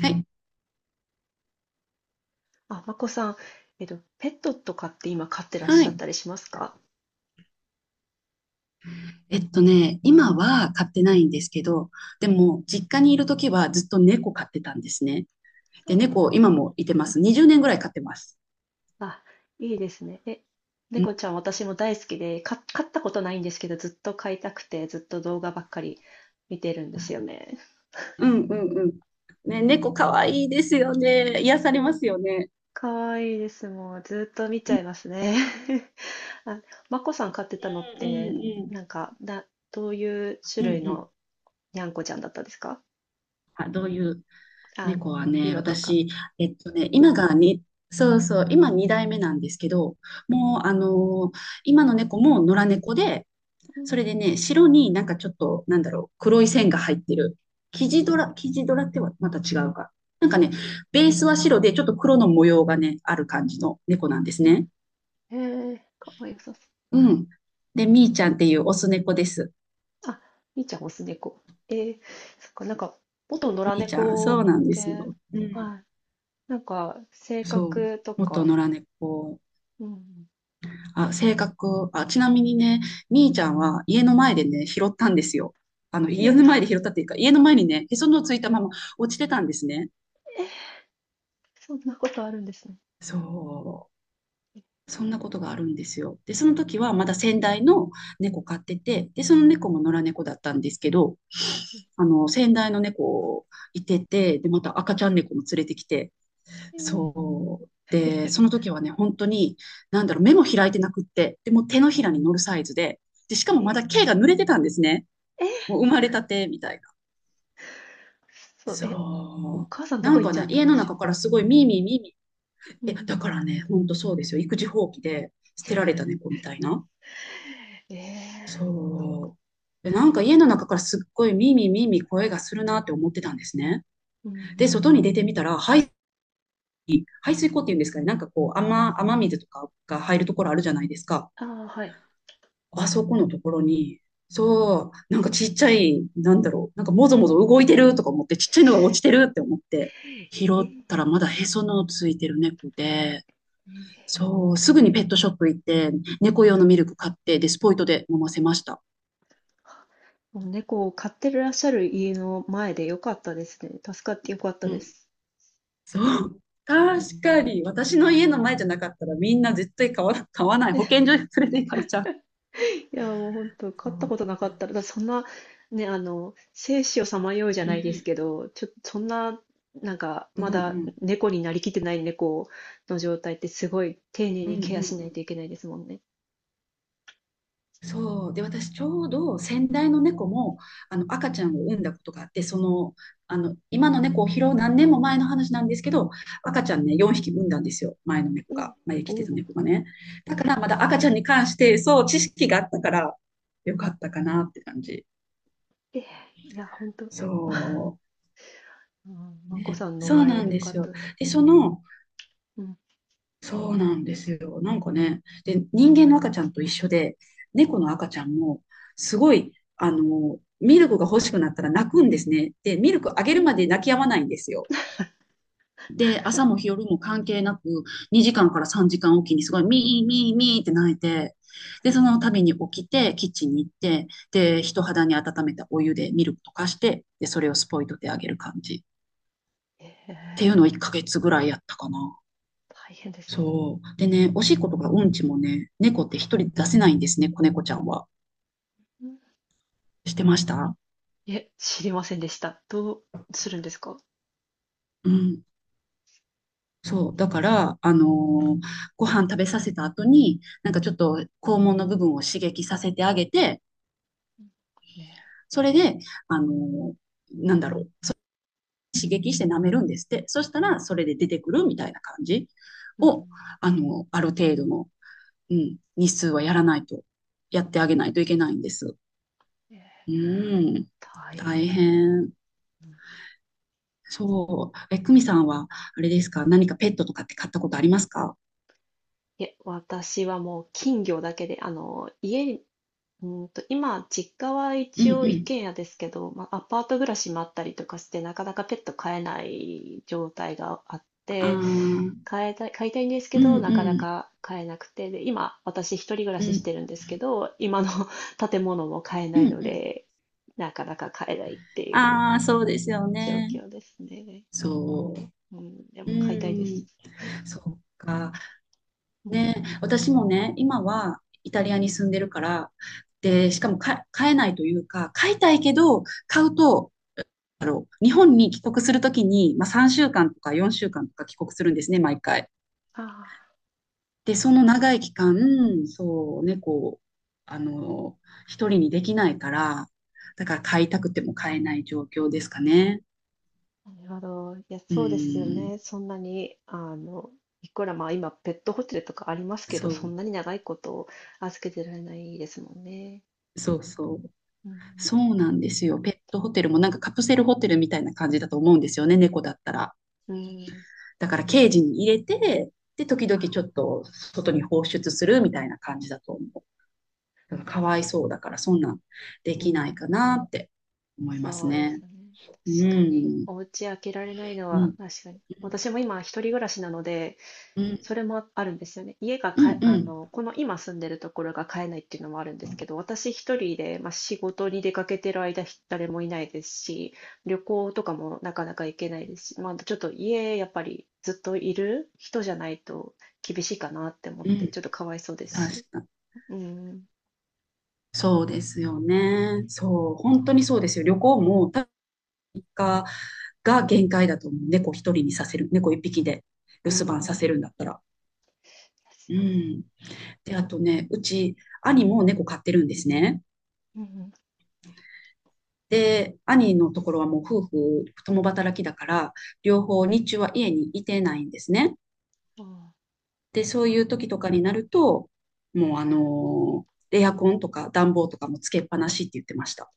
はい。あ、まこさん、ペットとかって今飼ってらっはしゃっい。たりしますか？今は飼ってないんですけど、でも、実家にいるときはずっと猫飼ってたんですね。あで、ー。猫、今もいてまうん。す。20年ぐらい飼ってます。あ、いいですね。え、うん、猫ちゃん私も大好きで、飼ったことないんですけど、ずっと飼いたくて、ずっと動画ばっかり見てるんですよね。うん、うん、うん。ね、猫かわいいですよね。癒されうまん。すよね。かわいいです。もう、ずっと見ちうゃん、いますね。あ、まこさん飼ってたのっうて、ん、なんか、どういう種うん、う類ん、うん。のにゃんこちゃんだったんですか？あ、どういう猫はね、色とか。私、今がに、そうそう、今2代目なんですけど、もう、今の猫も野良猫で、うそれん。でね、白になんかちょっと、なんだろう、黒い線が入ってる。生地うドん。ラ、生地ドラってはまた違うか。なんかね、ベうースはん。白で、ちょっと黒の模様がね、ある感じの猫なんですね、ね。へえ、かわいい。うん。で、みーちゃんっていうオス猫です。あ、みーちゃん、オス猫。えー、そっか、なんか、元野良みーちゃん、そう猫なんっですて、よ。うん。はい、なんか、性そう。格と元か、野良猫。うん、あ、性格。あ、ちなみにね、みーちゃんは家の前でね、拾ったんですよ。家家の、の前で拾ったっていうか、家の前にね、へその緒ついたまま落ちてたんですね。そんなことあるんですね。そう。そんなことがあるんですよ。で、その時はまだ先代の猫飼ってて、で、その猫も野良猫だったんですけど、先代の猫いてて、で、また赤ちゃん猫も連れてきて、えー、そう。で、その時はね、本当に、なんだろう、目も開いてなくって、でもう手のひらに乗るサイズで、で、しかもえまだ毛が濡れてたんですね。ー、えー。もう生まれたてみたいな。そう、え、おそう。母さんどなこん行っかちゃね、った家んでのしょ中う。からすごいミーミーミーミー。うえ、だん、からね、ほんとそうですよ。育児放棄で捨てられた猫みたいな。えそう。で、なんか家の中からすっごいミーミーミーミー声がするなって思ってたんですね。ー、うで、ん、外に出てみたら、排水溝っていうんですかね、なんかこう、雨水とかが入るところあるじゃないですか。ああ、はい。あそこのところに、そう、なんかちっちゃい、なんだろう、なんかもぞもぞ動いてるとか思って、ちっちゃいのが落ちてるって思って、え拾ったー、らまだへそのついてる猫で、えー。そう、すぐにペットショップ行って、猫は用のい。ミルク買って、で、スポイトで飲ませました。もう猫を飼ってらっしゃる家の前でよかったですね。助かってよかったうでんす。そう。う確ん。かに。私の家の前じゃなかったらみんな絶対買わない。保健所に連れて行かれちゃう。いや、もう本当、そ勝ったうことなかったら、だってそんな、ね、生死をさまようじうゃないですん。けど、そんな、なんか、うまんだうん。猫になりきってない猫の状態ってすごい丁寧うんにうんうケアしないん。といけないですもんね。そう。で、私ちょうど先代の猫も、赤ちゃうんん、を産んだことがあって、今の猫を拾う何年も前の話なんですけど、赤ちゃんね、4匹産んだんですよ。前の猫ええ、が、前におきてたお、猫がね。だからまだ赤ちゃんに関して、そう、知識があったから、よかったかなって感じ。ええ、いや、本当、うそう。ん、まこね、さんのそう前なんでよでかすっよ。たです。で、うん。そうなんですよ。なんかね、で、人間の赤ちゃんと一緒で、猫の赤ちゃんも、すごい、ミルクが欲しくなったら泣くんですね。で、ミルクあげうるまん。で泣き止まないんですよ。で、朝も夜も関係なく、2時間から3時間おきにすごい、ミーミーミーって泣いて、で、その度に起きて、キッチンに行って、で、人肌に温めたお湯でミルク溶かして、で、それをスポイトであげる感じ。っえていえ、うのを1ヶ月ぐらいやったかな。大変ですね。そう。でね、おしっことかうんちもね、猫って一人出せないんですね、子猫ちゃんは。うん。してましたいえ、知りませんでした。どうするんですかうん。そう。だから、ご飯食べさせた後に、なんかちょっと肛門の部分を刺激させてあげて、ね。それで、あのーなんだろう、刺激して舐めるんですって。そしたら、それで出てくるみたいな感じうを、ん。ある程度の、うん、日数はやらないと、うやっん、てあげないといけないんです。ええ、うん。大大変。変。うん。そう。え、久美さんは、あれですか何かペットとかって飼ったことありますか？いえ、私はもう金魚だけで、家に、今、実家はうん一応う一ん。軒家ですけど、まあ、アパート暮らしもあったりとかして、なかなかペット飼えない状態があっああ、て、うん飼いたいんですけうど、なかなんか飼えなくて、で、今、私一人暮らうししてん。るんですけど、今の 建物も飼えうなんいのうん。で、なかなか飼えないっていうああ、そうですよ状ね。況ですね。そうん、でう。うも飼いたいでん。す。そうか。うん、ね、私もね、今はイタリアに住んでるから、で、しうかん。もか飼えないというか、飼いたいけど、飼うと、日本に帰国するときに、まあ、3週間とか4週間とか帰国するんですね、毎回。ああ。で、その長い期間、そうね、猫を、あの、一人にできないから、だから飼いたくても飼えない状況ですかね。なるほど。いや、うそうですよん、ね。そんなに、いくらまあ今、ペットホテルとかありますけど、そそう、んなに長いこと預けてられないですもんね。そうそう。うん、そうなんですよ。ペットホテルもなんかカプセルホテルみたいな感じだと思うんですよね、猫だったら。うん。うん。だからケージに入れて、で、時々ちょっと外に放出するみたいな感じだと思う。だかならるかわいそうだから、そんなんでうきないん。かなって思いますそうですね。ね。う確かに。ん、お家開けられないのうは、ん、確かに。私も今、一人暮らしなので、うん。それもあるんですよね。家がうかんえ、あうん。の、この今住んでるところが買えないっていうのもあるんですけど、私一人で、まあ、仕事に出かけてる間、誰もいないですし、旅行とかもなかなか行けないですし、まあ、ちょっと家、やっぱりずっといる人じゃないと厳しいかなって思っうて、ちん。ょっとかわいそうです確し。か。うん。そうですよね。そう。本当にあそうですよ。旅行も多分日が限界だと思う。猫一人にさせる。猫一匹であ、留う守番さん。でせるんだったら。すうよね。ん。で、あとね、うち、兄も猫飼ってるんですね。うん。で、兄のところはもう夫婦共働きだから、両方日中は家にいてないんですね。ああ、で、そういう時とかになると、もうエアコンとか暖房とかもつけっぱなしって言ってました。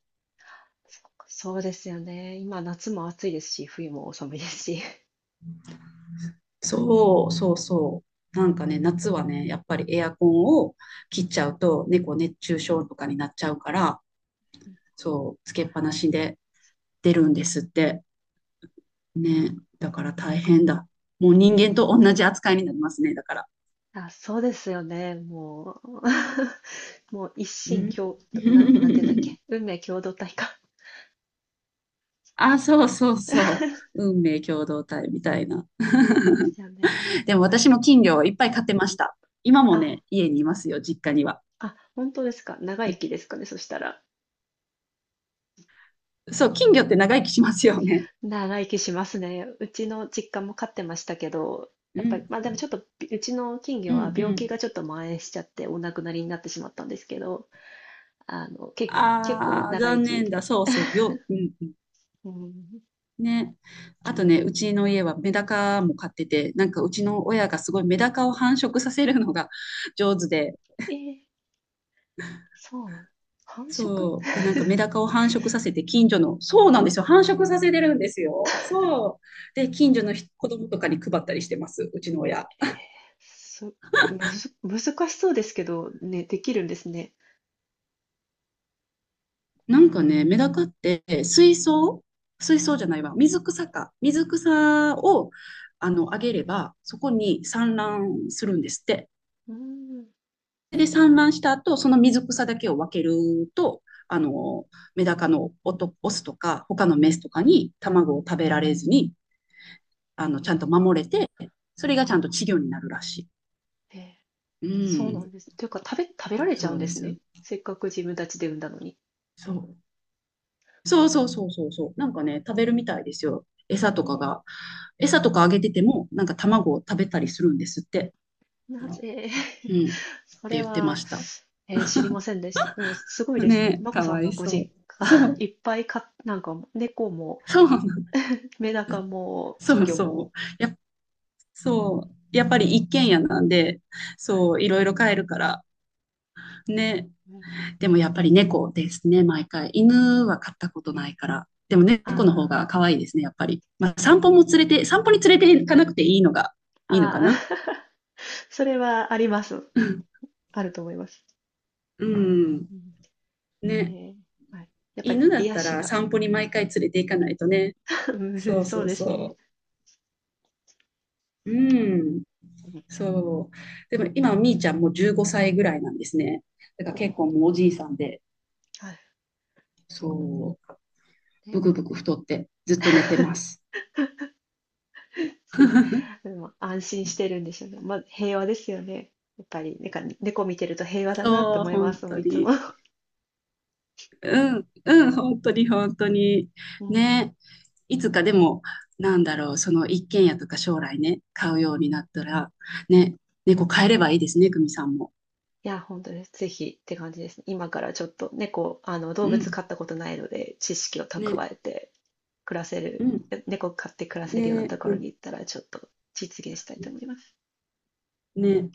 そうか。そうですよね。今、夏も暑いですし、冬も寒いですし。そう、そうそう。なんかね、夏はね、やっぱりエアコンを切っちゃうと、猫熱中症とかになっちゃうから、そう、つけっぱなしで出るんですって。ね、だから大変だ。もう人間と同じ扱いになりますね、だから。あ、そうですよね。もう、もう一う心ん。共、なんていうんだっ け。運命共同体か。あ、そうもう そう そそう。う運命共同体みたいな。ですよね。でやもばい。私も金魚をいっぱい飼ってました。今もあ、ね、家にいますよ、実家には。あ、本当ですか。長う生んきですかね。そしたら。そう、金魚って長生きしますよね。長生きしますね。うちの実家も飼ってましたけど、うやっぱり、んまあでもちょっと、うちの金う魚はんう病気ん。がちょっと蔓延しちゃって、お亡くなりになってしまったんですけど、結構ああ、長生残き念だ。で。そうそう、うん、うん、ね。あとね、うちの家はメダカも飼ってて、なんかうちの親がすごいメダカを繁殖させるのが 上手で、えー。そうなの。繁殖。そう。で、なんかメダカを繁殖させて近所の、そうなんですよ。繁殖させてるんですよ。そう。で、近所の人子供とかに配ったりしてます、うちの親。そ、むず難しそうですけど、ね、できるんですね。なんかね、メダカって水槽水槽あ。じゃないわ。水草か。水草を、あげれば、そこに産卵するんですって。うん。で産卵した後、その水草だけを分けると、あの、メダカのオトオスとか、他のメスとかに卵を食べられずに、ちゃんと守れて、それがちゃんとあ、稚魚になるらしえー。い。うそうなんん、です。というか、食べられちゃそうんうでですす。ね。せっかく自分たちで産んだのに。そう。そうそうそうそうそう。なんかね、食べえるみたいですよ。餌とかー。が。餌とかあげてても、なんか卵を食べたりするんですって。なぜ うん。っ そてれ言ってまは、した。え、知りませんでした。でもすごいですね。ね、まこかさわんのいごそ実家、う。そ う。いっぱいかなんか猫もそうなの。メダカも金そう魚そも、う。やっぱそうん、う。やっぱり一軒家なんで、はい。そう、いろいろ飼えるから。ね。うん。でもやっぱり猫ですね、毎回。犬は飼ったことないから。でも猫のあ方が可愛いですね、やっぱり。まあ、散歩に連れて行かなくていいのが、あ、いいのかあな。あ、それはあります。うんあると思います。うん。えね。え。はい。やっぱり犬だっ癒たしらが、散歩に毎回連れて行かないとね。うそん。うそうそうですね。そう。うん。うん、そう。でも今、みーちゃんも15歳ぐらいなんですね。だからおー。結構もうおじいさんで。はそう。い。ね、ブクブク太ってずっと寝てます。すごい。で も安心してるんでしょうね。まあ、平和ですよね。やっぱり、なんか猫見てると平和だなってそう、思いま本すも当ういつも。に。うん、うん、本当に、本当に。うん。ね。いつかでも、なんだろう、その一軒家とか将来ね、買うようになったら、ね、猫買えればいいですね、久美さんも。いや、本当です。ぜひって感じですね。今からちょっと猫、動う物飼ん、ったことないので、知識をね、蓄えて暮らせうる、ん、猫飼って暮らせるようなとね、ころに行ったら、ちょっと実現したいと思います。ね。